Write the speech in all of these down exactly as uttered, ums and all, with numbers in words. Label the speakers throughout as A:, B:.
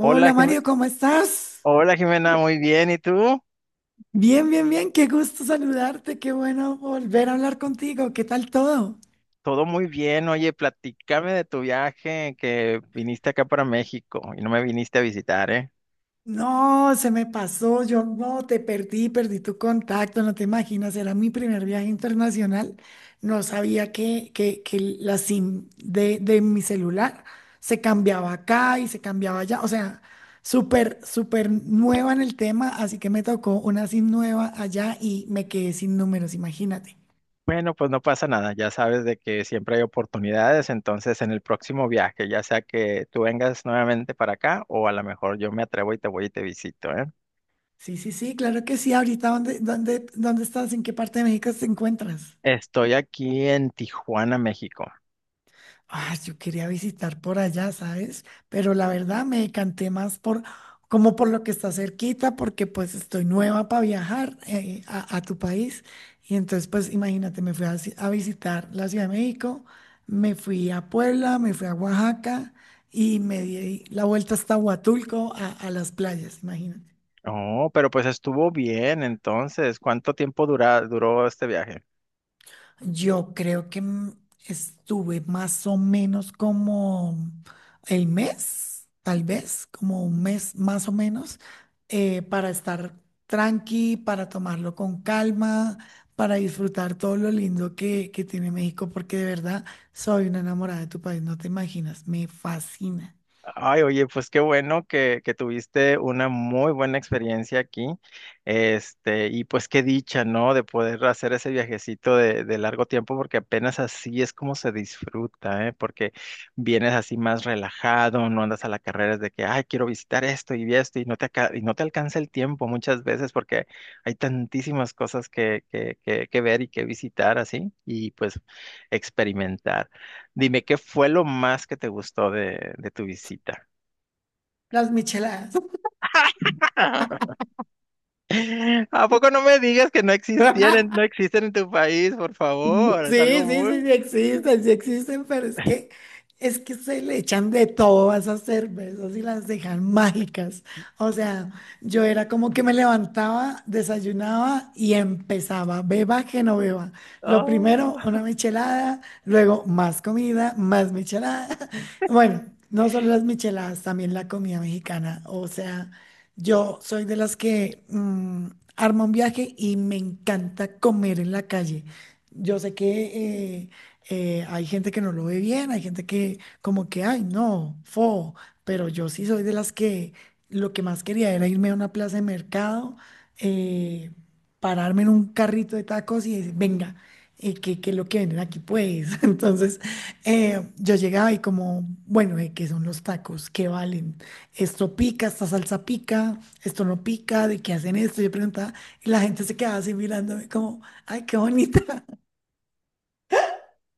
A: Hola, Jime-
B: Mario, ¿cómo estás?
A: Hola Jimena, muy bien. ¿Y tú?
B: Bien, bien, bien, qué gusto saludarte, qué bueno volver a hablar contigo, ¿qué tal todo?
A: Todo muy bien. Oye, platícame de tu viaje que viniste acá para México y no me viniste a visitar, ¿eh?
B: No, se me pasó, yo no te perdí, perdí tu contacto, no te imaginas, era mi primer viaje internacional, no sabía que, que, que la SIM de, de mi celular se cambiaba acá y se cambiaba allá, o sea, súper, súper nueva en el tema, así que me tocó una SIM nueva allá y me quedé sin números, imagínate.
A: Bueno, pues no pasa nada. Ya sabes de que siempre hay oportunidades. Entonces, en el próximo viaje, ya sea que tú vengas nuevamente para acá o a lo mejor yo me atrevo y te voy y te visito, ¿eh?
B: Sí, sí, sí, claro que sí. Ahorita, ¿dónde, dónde, dónde estás? ¿En qué parte de México te encuentras?
A: Estoy aquí en Tijuana, México.
B: Ah, yo quería visitar por allá, ¿sabes? Pero la verdad me decanté más por, como por lo que está cerquita, porque pues estoy nueva para viajar eh, a, a tu país. Y entonces, pues imagínate, me fui a, ci- a visitar la Ciudad de México, me fui a Puebla, me fui a Oaxaca y me di la vuelta hasta Huatulco a, a las playas, imagínate.
A: Oh, pero pues estuvo bien. Entonces, ¿cuánto tiempo dura- duró este viaje?
B: Yo creo que mm, estuve más o menos como el mes, tal vez, como un mes más o menos, eh, para estar tranqui, para tomarlo con calma, para disfrutar todo lo lindo que, que tiene México, porque de verdad soy una enamorada de tu país, no te imaginas, me fascina.
A: Ay, oye, pues qué bueno que, que tuviste una muy buena experiencia aquí. Este, y pues qué dicha, ¿no? De poder hacer ese viajecito de, de largo tiempo, porque apenas así es como se disfruta, ¿eh? Porque vienes así más relajado, no andas a la carrera de que, ay, quiero visitar esto y vi esto, y no te, aca- y no te alcanza el tiempo muchas veces, porque hay tantísimas cosas que, que, que, que ver y que visitar así, y pues experimentar. Dime, ¿qué fue lo más que te gustó de, de tu visita?
B: Las micheladas.
A: ¿A poco no me digas que no existían, en- no existen en tu país, por favor? Es
B: Sí,
A: algo
B: sí, sí,
A: muy...
B: sí existen, sí existen, pero es que es que se le echan de todo a esas cervezas y las dejan mágicas. O sea, yo era como que me levantaba, desayunaba y empezaba, beba que no beba. Lo primero,
A: Oh.
B: una michelada, luego más comida, más michelada. Bueno, no solo las micheladas, también la comida mexicana. O sea, yo soy de las que mm, arma un viaje y me encanta comer en la calle. Yo sé que eh, eh, hay gente que no lo ve bien, hay gente que como que, ay, no, fo, pero yo sí soy de las que lo que más quería era irme a una plaza de mercado, eh, pararme en un carrito de tacos y decir, venga, eh, ¿qué, qué es lo que venden aquí, pues? Entonces, eh, yo llegaba y como, bueno, eh, ¿qué son los tacos? ¿Qué valen? Esto pica, esta salsa pica, esto no pica, ¿de qué hacen esto? Yo preguntaba y la gente se quedaba así mirándome como... Ay, qué bonita.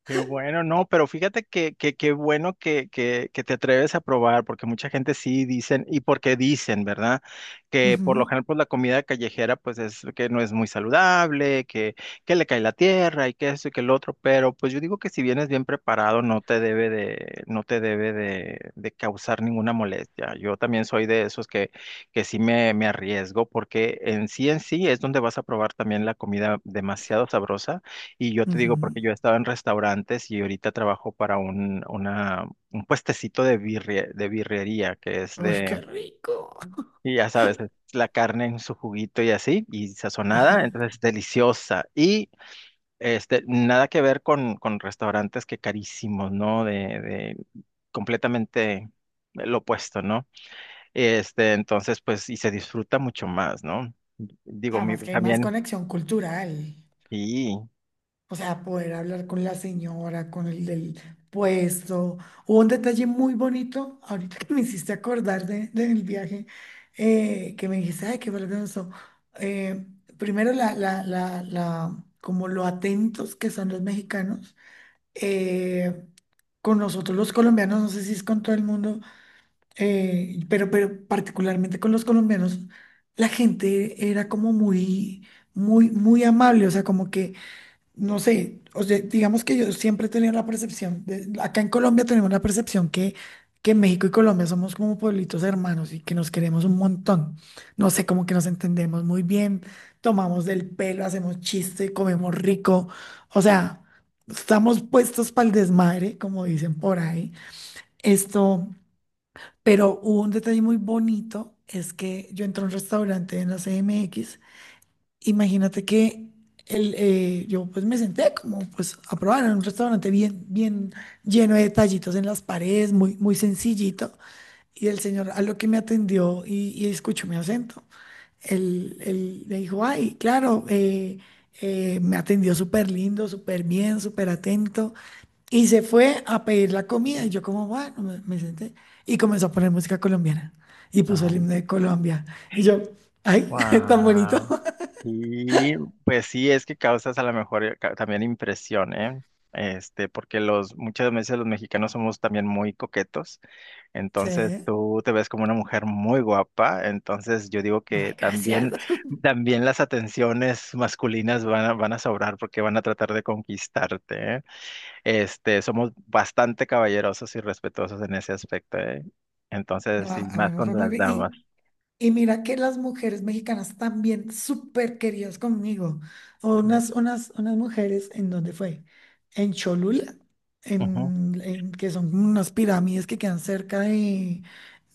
A: Qué bueno, no, pero fíjate que, que, qué bueno que, que, que te atreves a probar, porque mucha gente sí dicen, y porque dicen, ¿verdad? Que por lo
B: Ujú,
A: general, pues la comida callejera, pues es que no es muy saludable, que, que le cae la tierra y que esto y que el otro, pero pues yo digo que si vienes bien preparado, no te debe de, no te debe de, de causar ninguna molestia. Yo también soy de esos que, que sí me, me arriesgo, porque en sí en sí es donde vas a probar también la comida demasiado sabrosa y yo te digo,
B: ujú.
A: porque yo he estado en restaurantes y ahorita trabajo para un, una, un puestecito de birria, de birrería, que es
B: Uy,
A: de,
B: qué rico.
A: y ya sabes, es la carne en su juguito y así, y sazonada,
B: Ajá.
A: entonces deliciosa. Y este, nada que ver con, con restaurantes que carísimos, ¿no? De, de completamente lo opuesto, ¿no? Este, entonces, pues, y se disfruta mucho más, ¿no? Digo, mi,
B: Además que hay más
A: también,
B: conexión cultural.
A: sí.
B: O sea, poder hablar con la señora, con el del puesto. Hubo un detalle muy bonito, ahorita que me hiciste acordar de, del viaje, eh, que me dijiste, ay, qué valioso. Eh, Primero, la, la, la, la, como lo atentos que son los mexicanos. Eh, con nosotros los colombianos, no sé si es con todo el mundo eh, pero, pero particularmente con los colombianos, la gente era como muy, muy, muy amable, o sea, como que, no sé, o sea, digamos que yo siempre he tenido la percepción, de- acá en Colombia tenemos la percepción que, que México y Colombia somos como pueblitos hermanos y que nos queremos un montón, no sé, como que nos entendemos muy bien, tomamos del pelo, hacemos chiste, comemos rico, o sea, estamos puestos para el desmadre, como dicen por ahí, esto... Pero hubo un detalle muy bonito, es que yo entré a un restaurante en la C M X, imagínate que el, eh, yo pues me senté como pues a probar en un restaurante bien, bien lleno de detallitos en las paredes, muy, muy sencillito, y el señor a lo que me atendió y, y escuchó mi acento, él, él me dijo, ay, claro, eh, eh, me atendió súper lindo, súper bien, súper atento. Y se fue a pedir la comida y yo como, bueno, me, me senté y comenzó a poner música colombiana y puso el himno de Colombia. Y yo, ay, tan bonito.
A: Wow. Y pues sí, es que causas a lo mejor eh, ca- también impresión, ¿eh? Este, porque los, muchas veces los mexicanos somos también muy coquetos,
B: Sí,
A: entonces
B: ay,
A: tú te ves como una mujer muy guapa, entonces yo digo que
B: gracias.
A: también, también las atenciones masculinas van a, van a sobrar porque van a tratar de conquistarte, ¿eh? Este, somos bastante caballerosos y respetuosos en ese aspecto, ¿eh? Entonces,
B: No, a
A: sí,
B: a mí
A: más
B: me
A: con
B: fue muy
A: las
B: bien.
A: damas.
B: Y, y mira que las mujeres mexicanas también súper queridas conmigo. Unas, unas, unas mujeres, ¿en dónde fue? En Cholula,
A: Ujú,
B: en, en- que son unas pirámides que quedan cerca de,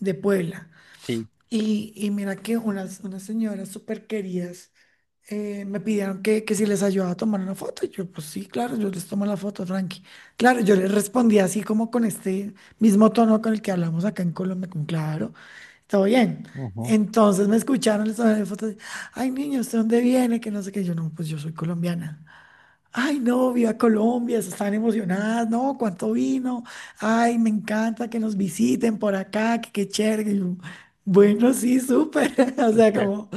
B: de Puebla.
A: sí.
B: Y, y mira que unas, unas señoras súper queridas eh, me pidieron que, que si les ayudaba a tomar una foto. Y yo, pues sí, claro, yo les tomo la foto, tranqui. Claro, yo les respondí así como con este mismo tono con el que hablamos acá en Colombia, con claro, todo bien.
A: Ujú.
B: Entonces me escucharon, les tomé la foto. Ay, niño, ¿usted dónde viene? Que no sé qué. Yo, no, pues yo soy colombiana. Ay, no, viva Colombia, se están emocionadas, no, cuánto vino, ay, me encanta que nos visiten por acá, que qué chévere. Y yo, bueno, sí, súper, o sea, como,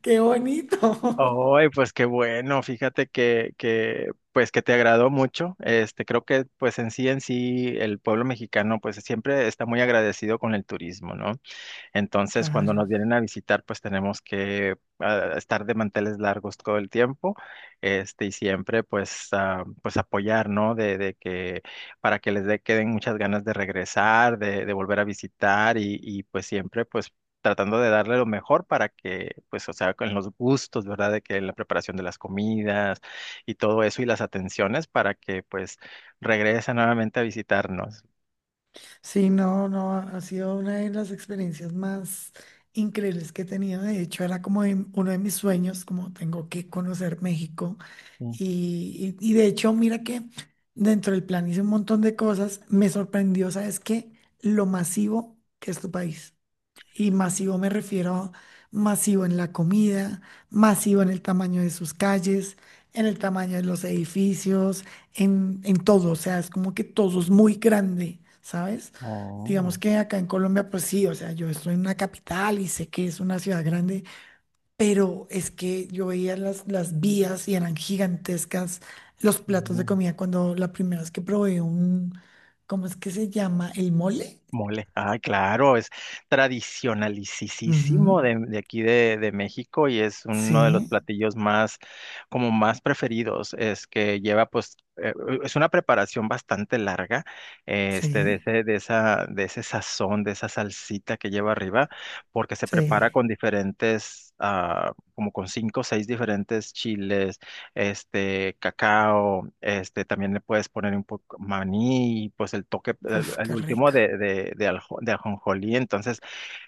B: qué bonito.
A: Ay, pues qué bueno, fíjate que, que, pues que te agradó mucho. Este, creo que pues en sí en sí el pueblo mexicano pues siempre está muy agradecido con el turismo, ¿no? Entonces, cuando nos
B: Claro.
A: vienen a visitar, pues tenemos que ah, estar de manteles largos todo el tiempo, este, y siempre, pues, ah, pues apoyar, ¿no? De, de que, para que les dé queden muchas ganas de regresar, de, de volver a visitar, y, y pues siempre, pues, tratando de darle lo mejor para que, pues, o sea, con los gustos, ¿verdad? De que la preparación de las comidas y todo eso y las atenciones para que, pues, regresen nuevamente a visitarnos.
B: Sí, no, no, ha sido una de las experiencias más increíbles que he tenido. De hecho, era como de- uno de mis sueños, como tengo que conocer México.
A: Sí.
B: Y, y- y de hecho, mira que dentro del plan hice un montón de cosas. Me sorprendió, ¿sabes qué? Lo masivo que es tu país. Y masivo me refiero masivo en la comida, masivo en el tamaño de sus calles, en el tamaño de los edificios, en, en todo. O sea, es como que todo es muy grande, ¿sabes?
A: Oh.
B: Digamos que acá en Colombia, pues sí, o sea, yo estoy en una capital y sé que es una ciudad grande, pero es que yo veía las, las vías y eran gigantescas los platos de comida cuando la primera vez que probé un, ¿cómo es que se llama? El mole.
A: Mole, ah, claro, es
B: Ujú,
A: tradicionalicisísimo de, de aquí de, de México y es uno de los
B: sí,
A: platillos más, como más preferidos. Es que lleva, pues, eh, es una preparación bastante larga, eh, este, de
B: sí.
A: ese, de esa, de ese sazón, de esa salsita que lleva arriba, porque se prepara
B: Sí,
A: con diferentes, ah, como con cinco o seis diferentes chiles este, cacao, este, también le puedes poner un poco maní, pues el toque, el,
B: uf,
A: el
B: qué
A: último
B: rico.
A: de, de, de, aljo- de ajonjolí, entonces,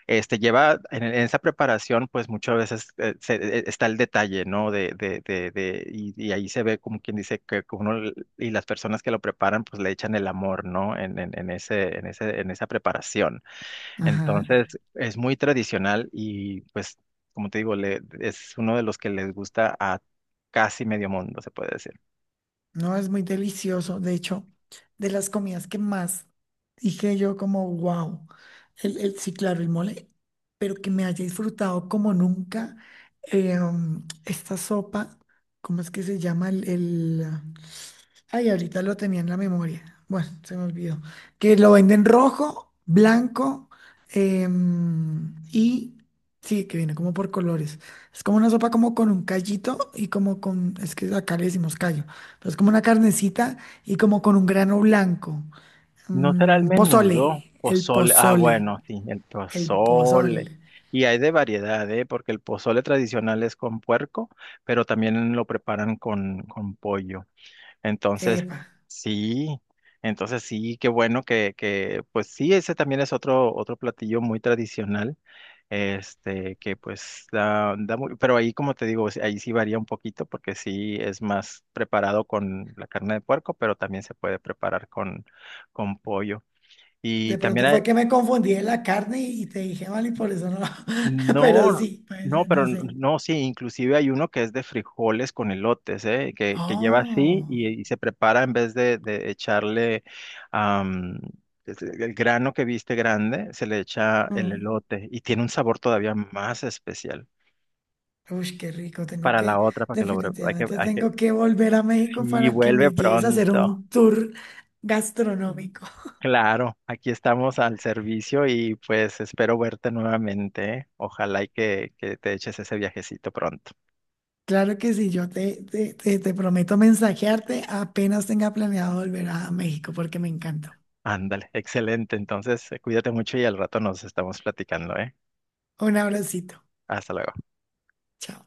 A: este, lleva, en, en esa preparación, pues muchas veces eh, se- eh, está el detalle, ¿no? De, de, de, de- y, y ahí se ve como quien dice que uno, l- y las personas que lo preparan, pues le echan el amor, ¿no? En, en, en ese, en ese, en esa preparación.
B: Ajá.
A: Entonces, es muy tradicional y pues, como te digo, le, es uno de los que les gusta a casi medio mundo, se puede decir.
B: No, es muy delicioso. De hecho, de las comidas que más dije yo como, wow, el, el, sí, claro, el mole, pero que me haya disfrutado como nunca eh, um, esta sopa, ¿cómo es que se llama? El, el, Ay, ahorita lo tenía en la memoria. Bueno, se me olvidó. Que lo venden rojo, blanco em, y sí, que viene como por colores. Es como una sopa como con un callito y como con, es que acá le decimos callo, pero es como una carnecita y como con un grano blanco.
A: ¿No será el
B: Mm,
A: menudo?
B: pozole, el
A: Pozole. Ah,
B: pozole,
A: bueno, sí, el
B: el
A: pozole.
B: pozole.
A: Y hay de variedad, ¿eh? Porque el pozole tradicional es con puerco, pero también lo preparan con, con pollo. Entonces,
B: Epa.
A: sí, entonces sí, qué bueno que, que, pues sí, ese también es otro, otro platillo muy tradicional, este, que pues da, da muy, pero ahí como te digo, sí, ahí sí varía un poquito porque sí es más preparado con la carne de puerco, pero también se puede preparar con, con pollo.
B: De
A: Y también
B: pronto
A: hay,
B: fue que me confundí en la carne y te dije mal y por eso no. Pero
A: no,
B: sí, puede
A: no,
B: ser,
A: pero
B: no
A: n-
B: sé.
A: no, sí, inclusive hay uno que es de frijoles con elotes, ¿eh? Que, que lleva así
B: Oh.
A: y, y se prepara en vez de, de echarle am, es- eh, el grano que viste grande, se le echa el
B: Mm.
A: elote y tiene un sabor todavía más especial.
B: Uy, qué rico, tengo
A: Para la
B: que,
A: otra, para que lo... bre- hay que,
B: definitivamente
A: hay que,
B: tengo que volver a México
A: sí,
B: para que
A: vuelve
B: me lleves a hacer
A: pronto.
B: un tour gastronómico.
A: Claro, aquí estamos al servicio y pues espero verte nuevamente, ¿eh? Ojalá y que, que te eches ese viajecito pronto.
B: Claro que sí, yo te, te, te, te prometo mensajearte apenas tenga planeado volver a México porque me encantó.
A: Ándale, excelente. Entonces, eh, cuídate mucho y al rato nos estamos platicando, ¿eh?
B: Un abracito.
A: Hasta luego.
B: Chao.